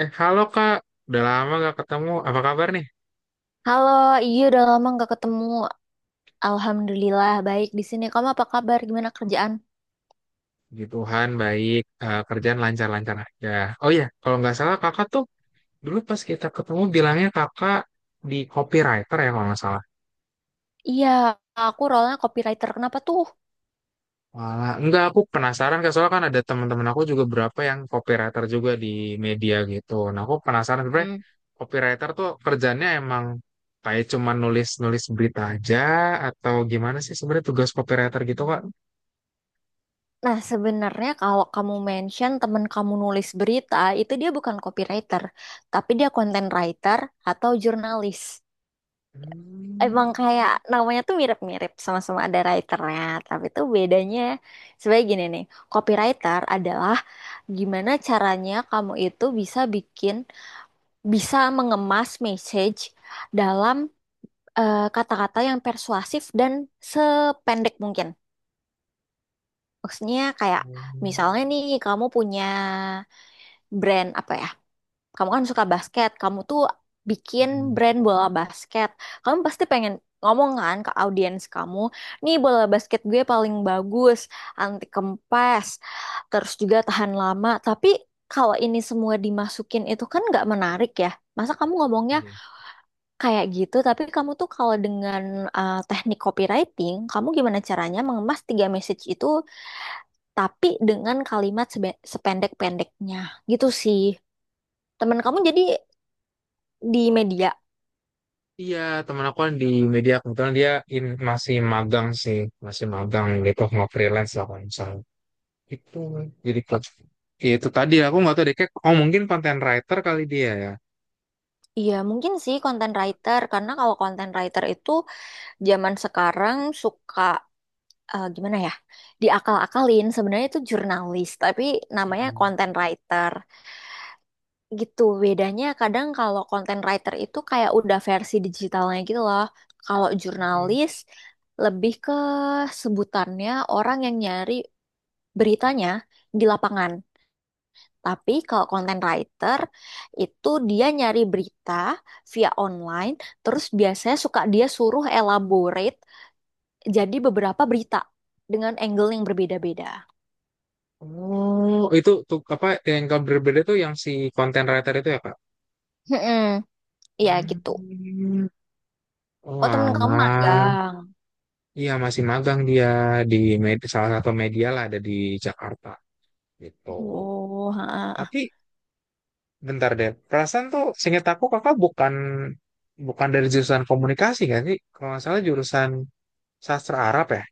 Halo Kak, udah lama gak ketemu. Apa kabar nih? Halo, iya udah lama nggak ketemu. Alhamdulillah baik di sini. Kamu apa kabar? Gimana kerjaan? Puji Tuhan, baik. Kerjaan lancar-lancar aja. Oh iya, kalau nggak salah kakak tuh dulu pas kita ketemu bilangnya kakak di copywriter ya kalau nggak salah. Iya, aku role copywriter. Kenapa tuh? Walah, enggak, aku penasaran Kak. Soalnya kan ada teman-teman aku juga berapa yang copywriter juga di media gitu. Nah, aku penasaran sebenarnya Hmm. copywriter tuh kerjanya emang kayak cuma nulis-nulis berita aja atau gimana sih sebenarnya tugas copywriter gitu Kak? Nah, sebenarnya kalau kamu mention temen kamu nulis berita, itu dia bukan copywriter, tapi dia content writer atau jurnalis. Emang kayak namanya tuh mirip-mirip, sama-sama ada writernya, tapi tuh bedanya sebagai gini nih, copywriter adalah gimana caranya kamu itu bisa bikin bisa mengemas message dalam kata-kata yang persuasif dan sependek mungkin. Maksudnya kayak misalnya nih kamu punya brand apa ya? Kamu kan suka basket, kamu tuh Hmm. bikin brand bola basket. Kamu pasti pengen ngomong kan ke audiens kamu, nih bola basket gue paling bagus, anti kempes, terus juga tahan lama. Tapi kalau ini semua dimasukin itu kan nggak menarik ya. Masa kamu ngomongnya Iya, kayak gitu, tapi kamu tuh kalau dengan teknik copywriting, kamu gimana caranya mengemas tiga message itu tapi dengan kalimat sependek-pendeknya. Gitu sih. Temen kamu jadi di media. Iya, teman aku kan di media kebetulan dia masih magang sih, masih magang gitu, nggak freelance lah kalau misalnya. Itu jadi klub. Ya, itu tadi aku nggak tahu deh, kayak, oh mungkin content writer kali dia ya. Iya, mungkin sih content writer karena kalau content writer itu zaman sekarang suka gimana ya? Diakal-akalin sebenarnya itu jurnalis, tapi namanya Mm-mm. content writer. Gitu bedanya, kadang kalau content writer itu kayak udah versi digitalnya gitu loh, kalau Mm-mm. jurnalis lebih ke sebutannya orang yang nyari beritanya di lapangan, tapi kalau content writer itu dia nyari berita via online, terus biasanya suka dia suruh elaborate jadi beberapa berita dengan angle yang berbeda-beda. Oh, itu tuh apa yang kabar berbeda tuh yang si content writer itu ya Kak? Mm-mm. Iya gitu. Hmm. Oh, Oh temen kamu alah. magang. Iya masih magang dia di salah satu media lah ada di Jakarta gitu. Oh ha, Tapi bentar deh. Perasaan tuh seingat aku kakak bukan bukan dari jurusan komunikasi kan sih? Kalau nggak salah jurusan sastra Arab ya?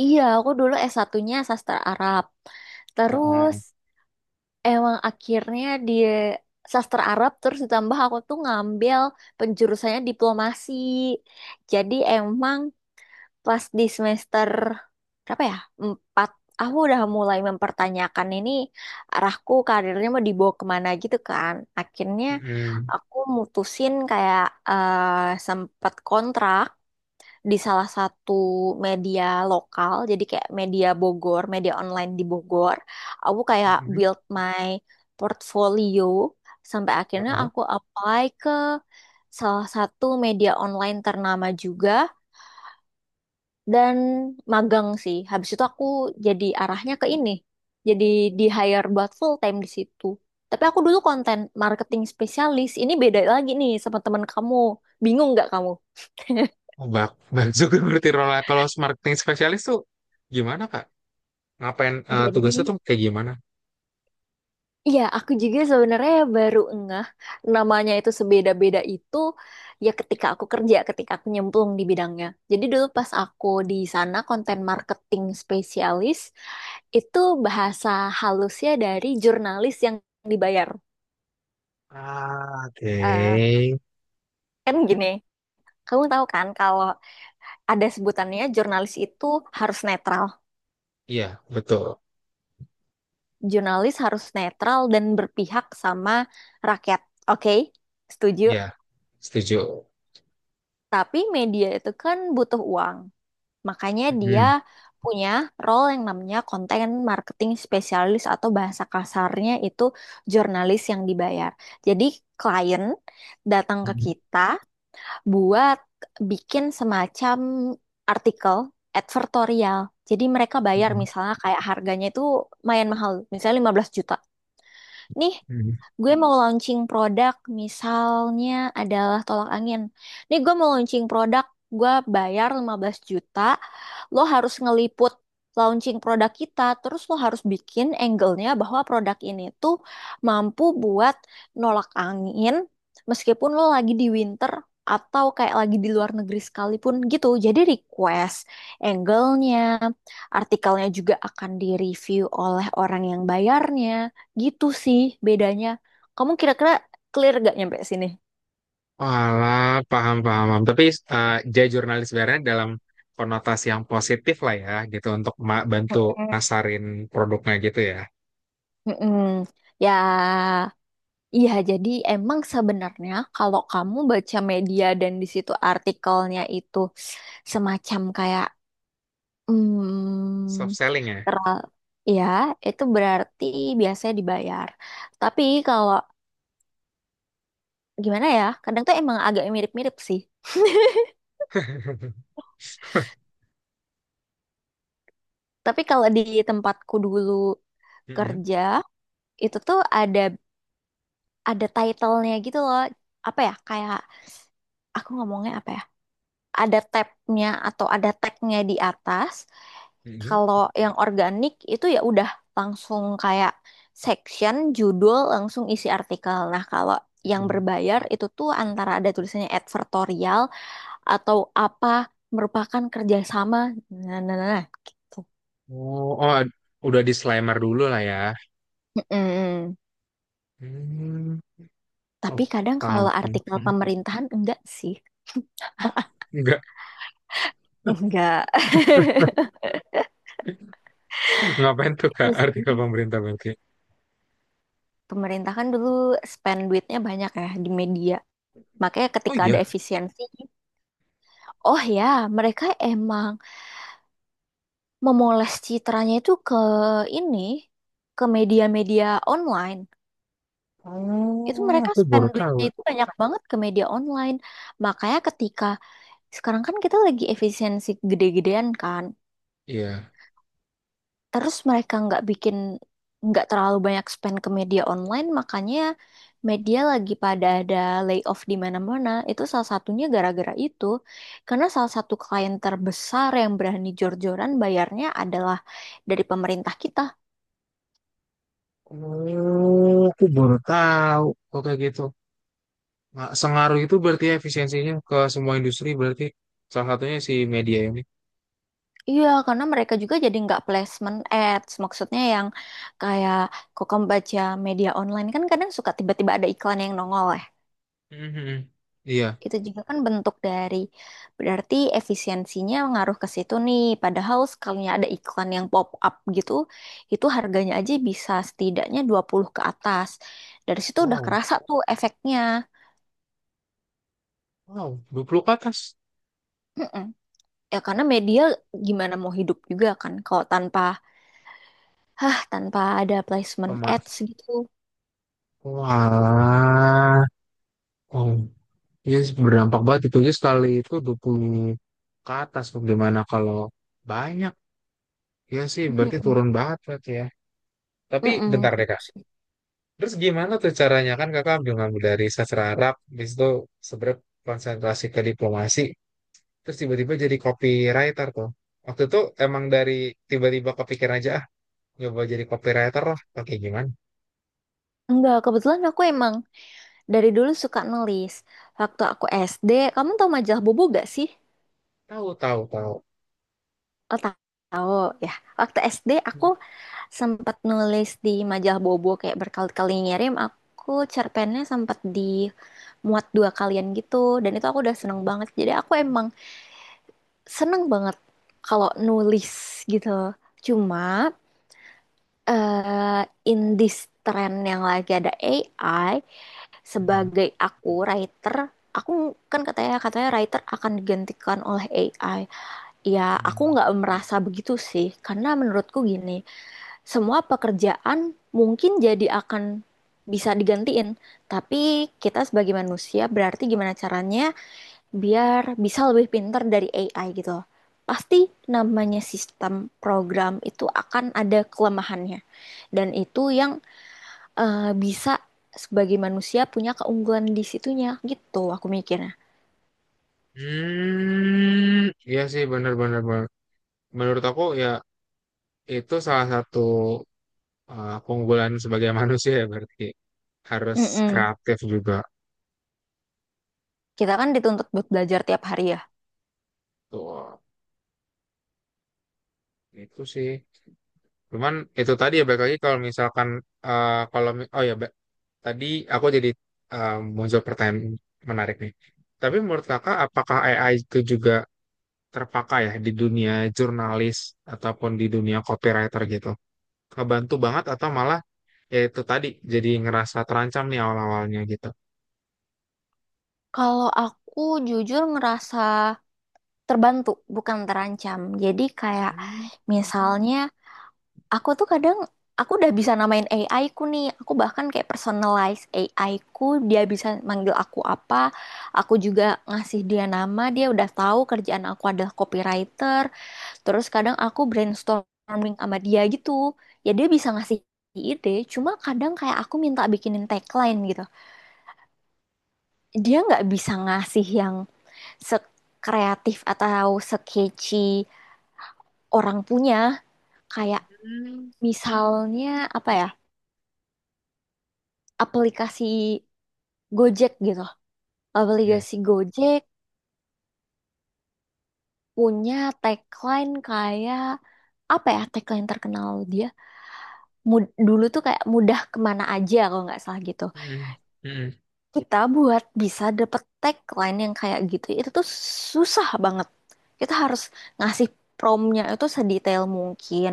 iya, aku dulu satunya sastra Arab. Terus Heeh. emang akhirnya di sastra Arab terus ditambah aku tuh ngambil penjurusannya diplomasi. Jadi emang pas di semester berapa ya? Empat. Aku udah mulai mempertanyakan ini arahku karirnya mau dibawa kemana gitu kan. Akhirnya Mm-mm. aku mutusin kayak sempat kontrak di salah satu media lokal, jadi kayak media Bogor, media online di Bogor. Aku kayak Mm-mm. build my portfolio sampai akhirnya Heeh. aku apply ke salah satu media online ternama juga dan magang sih. Habis itu aku jadi arahnya ke ini. Jadi di hire buat full time di situ. Tapi aku dulu konten marketing spesialis. Ini beda lagi nih sama teman kamu. Bingung nggak kamu? Oh, bak, bak juga berarti role kalau marketing spesialis tuh gimana Kak? Ngapain tugasnya Jadi tuh kayak gimana? iya, aku juga sebenarnya baru ngeh namanya itu sebeda-beda itu ya ketika aku kerja, ketika aku nyemplung di bidangnya. Jadi dulu pas aku di sana konten marketing spesialis, itu bahasa halusnya dari jurnalis yang dibayar. Ah, oke. Eh, kan gini, kamu tahu kan kalau ada sebutannya jurnalis itu harus netral. Iya, betul. Jurnalis harus netral dan berpihak sama rakyat. Oke, setuju. Iya, setuju. Tapi media itu kan butuh uang. Makanya dia Mm-mm. punya role yang namanya content marketing spesialis atau bahasa kasarnya itu jurnalis yang dibayar. Jadi klien datang ke Mm-mm. kita buat bikin semacam artikel advertorial. Jadi mereka bayar misalnya kayak harganya itu lumayan mahal, misalnya 15 juta. Nih Mm-mm. gue mau launching produk misalnya adalah tolak angin. Nih gue mau launching produk, gue bayar 15 juta, lo harus ngeliput launching produk kita, terus lo harus bikin angle-nya bahwa produk ini tuh mampu buat nolak angin meskipun lo lagi di winter atau kayak lagi di luar negeri sekalipun gitu. Jadi request angle-nya, artikelnya juga akan direview oleh orang yang bayarnya. Gitu sih bedanya. Kamu kira-kira clear gak nyampe sini? Walah, paham, paham, paham. Tapi jadi jurnalis sebenarnya dalam konotasi yang positif lah ya, gitu untuk bantu Mm-mm. nasarin produknya gitu ya. Mm-mm. Ya, iya. Jadi emang sebenarnya kalau kamu baca media dan di situ artikelnya itu semacam kayak, Soft hmm, selling ya. teral, ya, itu berarti biasanya dibayar. Tapi kalau gimana ya, kadang tuh emang agak mirip-mirip sih. Tapi kalau di tempatku dulu Mm-mm, kerja, itu tuh ada title-nya gitu loh. Apa ya, kayak aku ngomongnya apa ya? Ada tabnya atau ada tagnya di atas. mm-mm, Kalau yang organik itu ya udah langsung kayak section, judul, langsung isi artikel. Nah, kalau yang mm-mm. berbayar itu tuh antara ada tulisannya advertorial atau apa merupakan kerjasama. Nah, nah, nah, nah, gitu. Oh, udah disclaimer dulu lah ya. Mm-mm. Hmm, oh, Tapi kadang paham. kalau Paham. artikel Mm. pemerintahan enggak sih. Oh, enggak. Enggak. Ngapain tuh Kak Itu artikel sih. pemerintah Belgia? Pemerintah kan dulu spend duitnya banyak ya di media. Makanya Oh ketika ada iya. efisiensi, oh ya, mereka emang memoles citranya itu ke ini, ke media-media online. Itu Oh, mereka aku spend baru tahu. duitnya itu banyak banget ke media online. Makanya ketika sekarang kan kita lagi efisiensi gede-gedean kan, Iya. terus mereka nggak terlalu banyak spend ke media online makanya media lagi pada ada layoff di mana-mana, itu salah satunya gara-gara itu karena salah satu klien terbesar yang berani jor-joran bayarnya adalah dari pemerintah kita. Oh, aku baru tahu. Oke gitu. Nah, sengaruh itu berarti efisiensinya ke semua industri berarti salah satunya si media ini. Iya karena mereka juga jadi nggak placement ads maksudnya yang kayak kok kamu baca media online kan kadang suka tiba-tiba ada iklan yang nongol ya. Mhm. Iya. Itu juga kan bentuk dari berarti efisiensinya ngaruh ke situ nih. Padahal sekalinya ada iklan yang pop up gitu, itu harganya aja bisa setidaknya 20 ke atas. Dari situ udah Wow. kerasa tuh efeknya. Wow. 20 ke atas. Mm-mm. Ya karena media gimana mau hidup juga kan kalau tanpa tanpa ada placement Pema- ads gitu. Wah. Wow. Iya sih, berdampak banget itu aja sekali itu 20 ke atas bagaimana kalau banyak. Iya sih berarti Mm-mm. turun banget berarti ya. Tapi bentar Mm-mm, deh itu Kak. sih. Terus gimana tuh caranya kan Kakak ngambil dari sastra Arab, habis itu sebenarnya konsentrasi ke diplomasi. Terus tiba-tiba jadi copywriter tuh. Waktu itu emang dari tiba-tiba kepikiran aja ah nyoba jadi copywriter lah atau kayak gimana. Enggak, kebetulan aku emang dari dulu suka nulis. Waktu aku SD, kamu tahu majalah Bobo gak sih? Tahu, tahu, tahu. Oh, tahu ya. Waktu SD aku sempat nulis di majalah Bobo kayak berkali-kali ngirim. Aku cerpennya sempat dimuat dua kalian gitu. Dan itu aku udah seneng banget. Jadi aku emang seneng banget kalau nulis gitu. Cuma eh in this trend yang lagi ada AI, sebagai aku writer, aku kan katanya katanya writer akan digantikan oleh AI. Ya, aku nggak merasa begitu sih, karena menurutku gini, semua pekerjaan mungkin jadi akan bisa digantiin, tapi kita sebagai manusia berarti gimana caranya biar bisa lebih pintar dari AI gitu loh. Pasti namanya sistem program itu akan ada kelemahannya, dan itu yang bisa sebagai manusia punya keunggulan di situnya gitu, aku mikirnya. Hmm, iya sih benar-benar menurut aku ya itu salah satu keunggulan sebagai manusia ya berarti harus Mm-mm. kreatif juga. Kita kan dituntut buat belajar tiap hari ya. Tuh, itu sih. Cuman itu tadi ya balik lagi kalau misalkan eh, kalau mi- oh ya Ba- tadi aku jadi eh, muncul pertanyaan menarik nih. Tapi menurut kakak apakah AI itu juga terpakai ya di dunia jurnalis ataupun di dunia copywriter gitu? Kebantu banget atau malah ya itu tadi jadi ngerasa terancam nih awal-awalnya gitu. Kalau aku jujur ngerasa terbantu, bukan terancam. Jadi kayak Hmm. misalnya aku tuh kadang aku udah bisa namain AI ku nih. Aku bahkan kayak personalize AI ku, dia bisa manggil aku apa. Aku juga ngasih dia nama, dia udah tahu kerjaan aku adalah copywriter. Terus kadang aku brainstorming sama dia gitu. Ya dia bisa ngasih ide, cuma kadang kayak aku minta bikinin tagline gitu. Dia nggak bisa ngasih yang sekreatif atau sekeci orang punya kayak misalnya apa ya aplikasi Gojek gitu, Iya. aplikasi Gojek punya tagline kayak apa ya, tagline terkenal dia dulu tuh kayak mudah kemana aja kalau nggak salah gitu. Mm-mm. Mm-mm. Kita buat bisa dapet tagline yang kayak gitu itu tuh susah banget, kita harus ngasih promnya itu sedetail mungkin,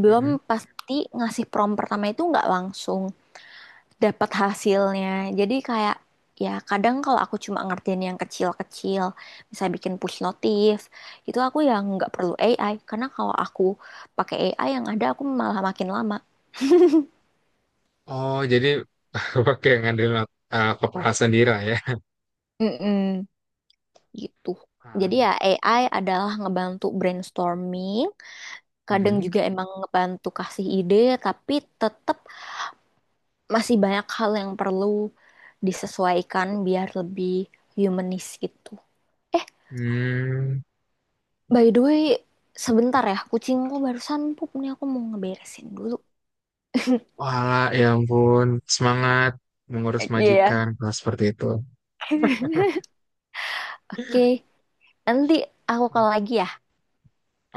belum Mm-mm. pasti ngasih prom pertama itu nggak langsung dapat hasilnya. Jadi kayak ya kadang kalau aku cuma ngertiin yang kecil-kecil misalnya bikin push notif itu aku yang nggak perlu AI karena kalau aku pakai AI yang ada aku malah makin lama. Oh, jadi pakai ngandelin kepala sendiri lah ya. Mm-mm. Gitu, jadi ya Hmm. AI adalah ngebantu brainstorming. Kadang Mm-mm. juga emang ngebantu kasih ide, tapi tetap masih banyak hal yang perlu disesuaikan biar lebih humanis gitu. Eh, Hmm. by the way, sebentar ya, kucingku barusan pup nih aku mau ngeberesin dulu. Wah, ya ampun, semangat mengurus Oke majikan ya. kalau seperti itu. Oke, nanti aku call lagi ya.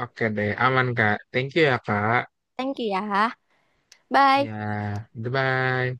Oke deh, aman Kak. Thank you ya Kak. Thank you ya. Bye. Ya, goodbye.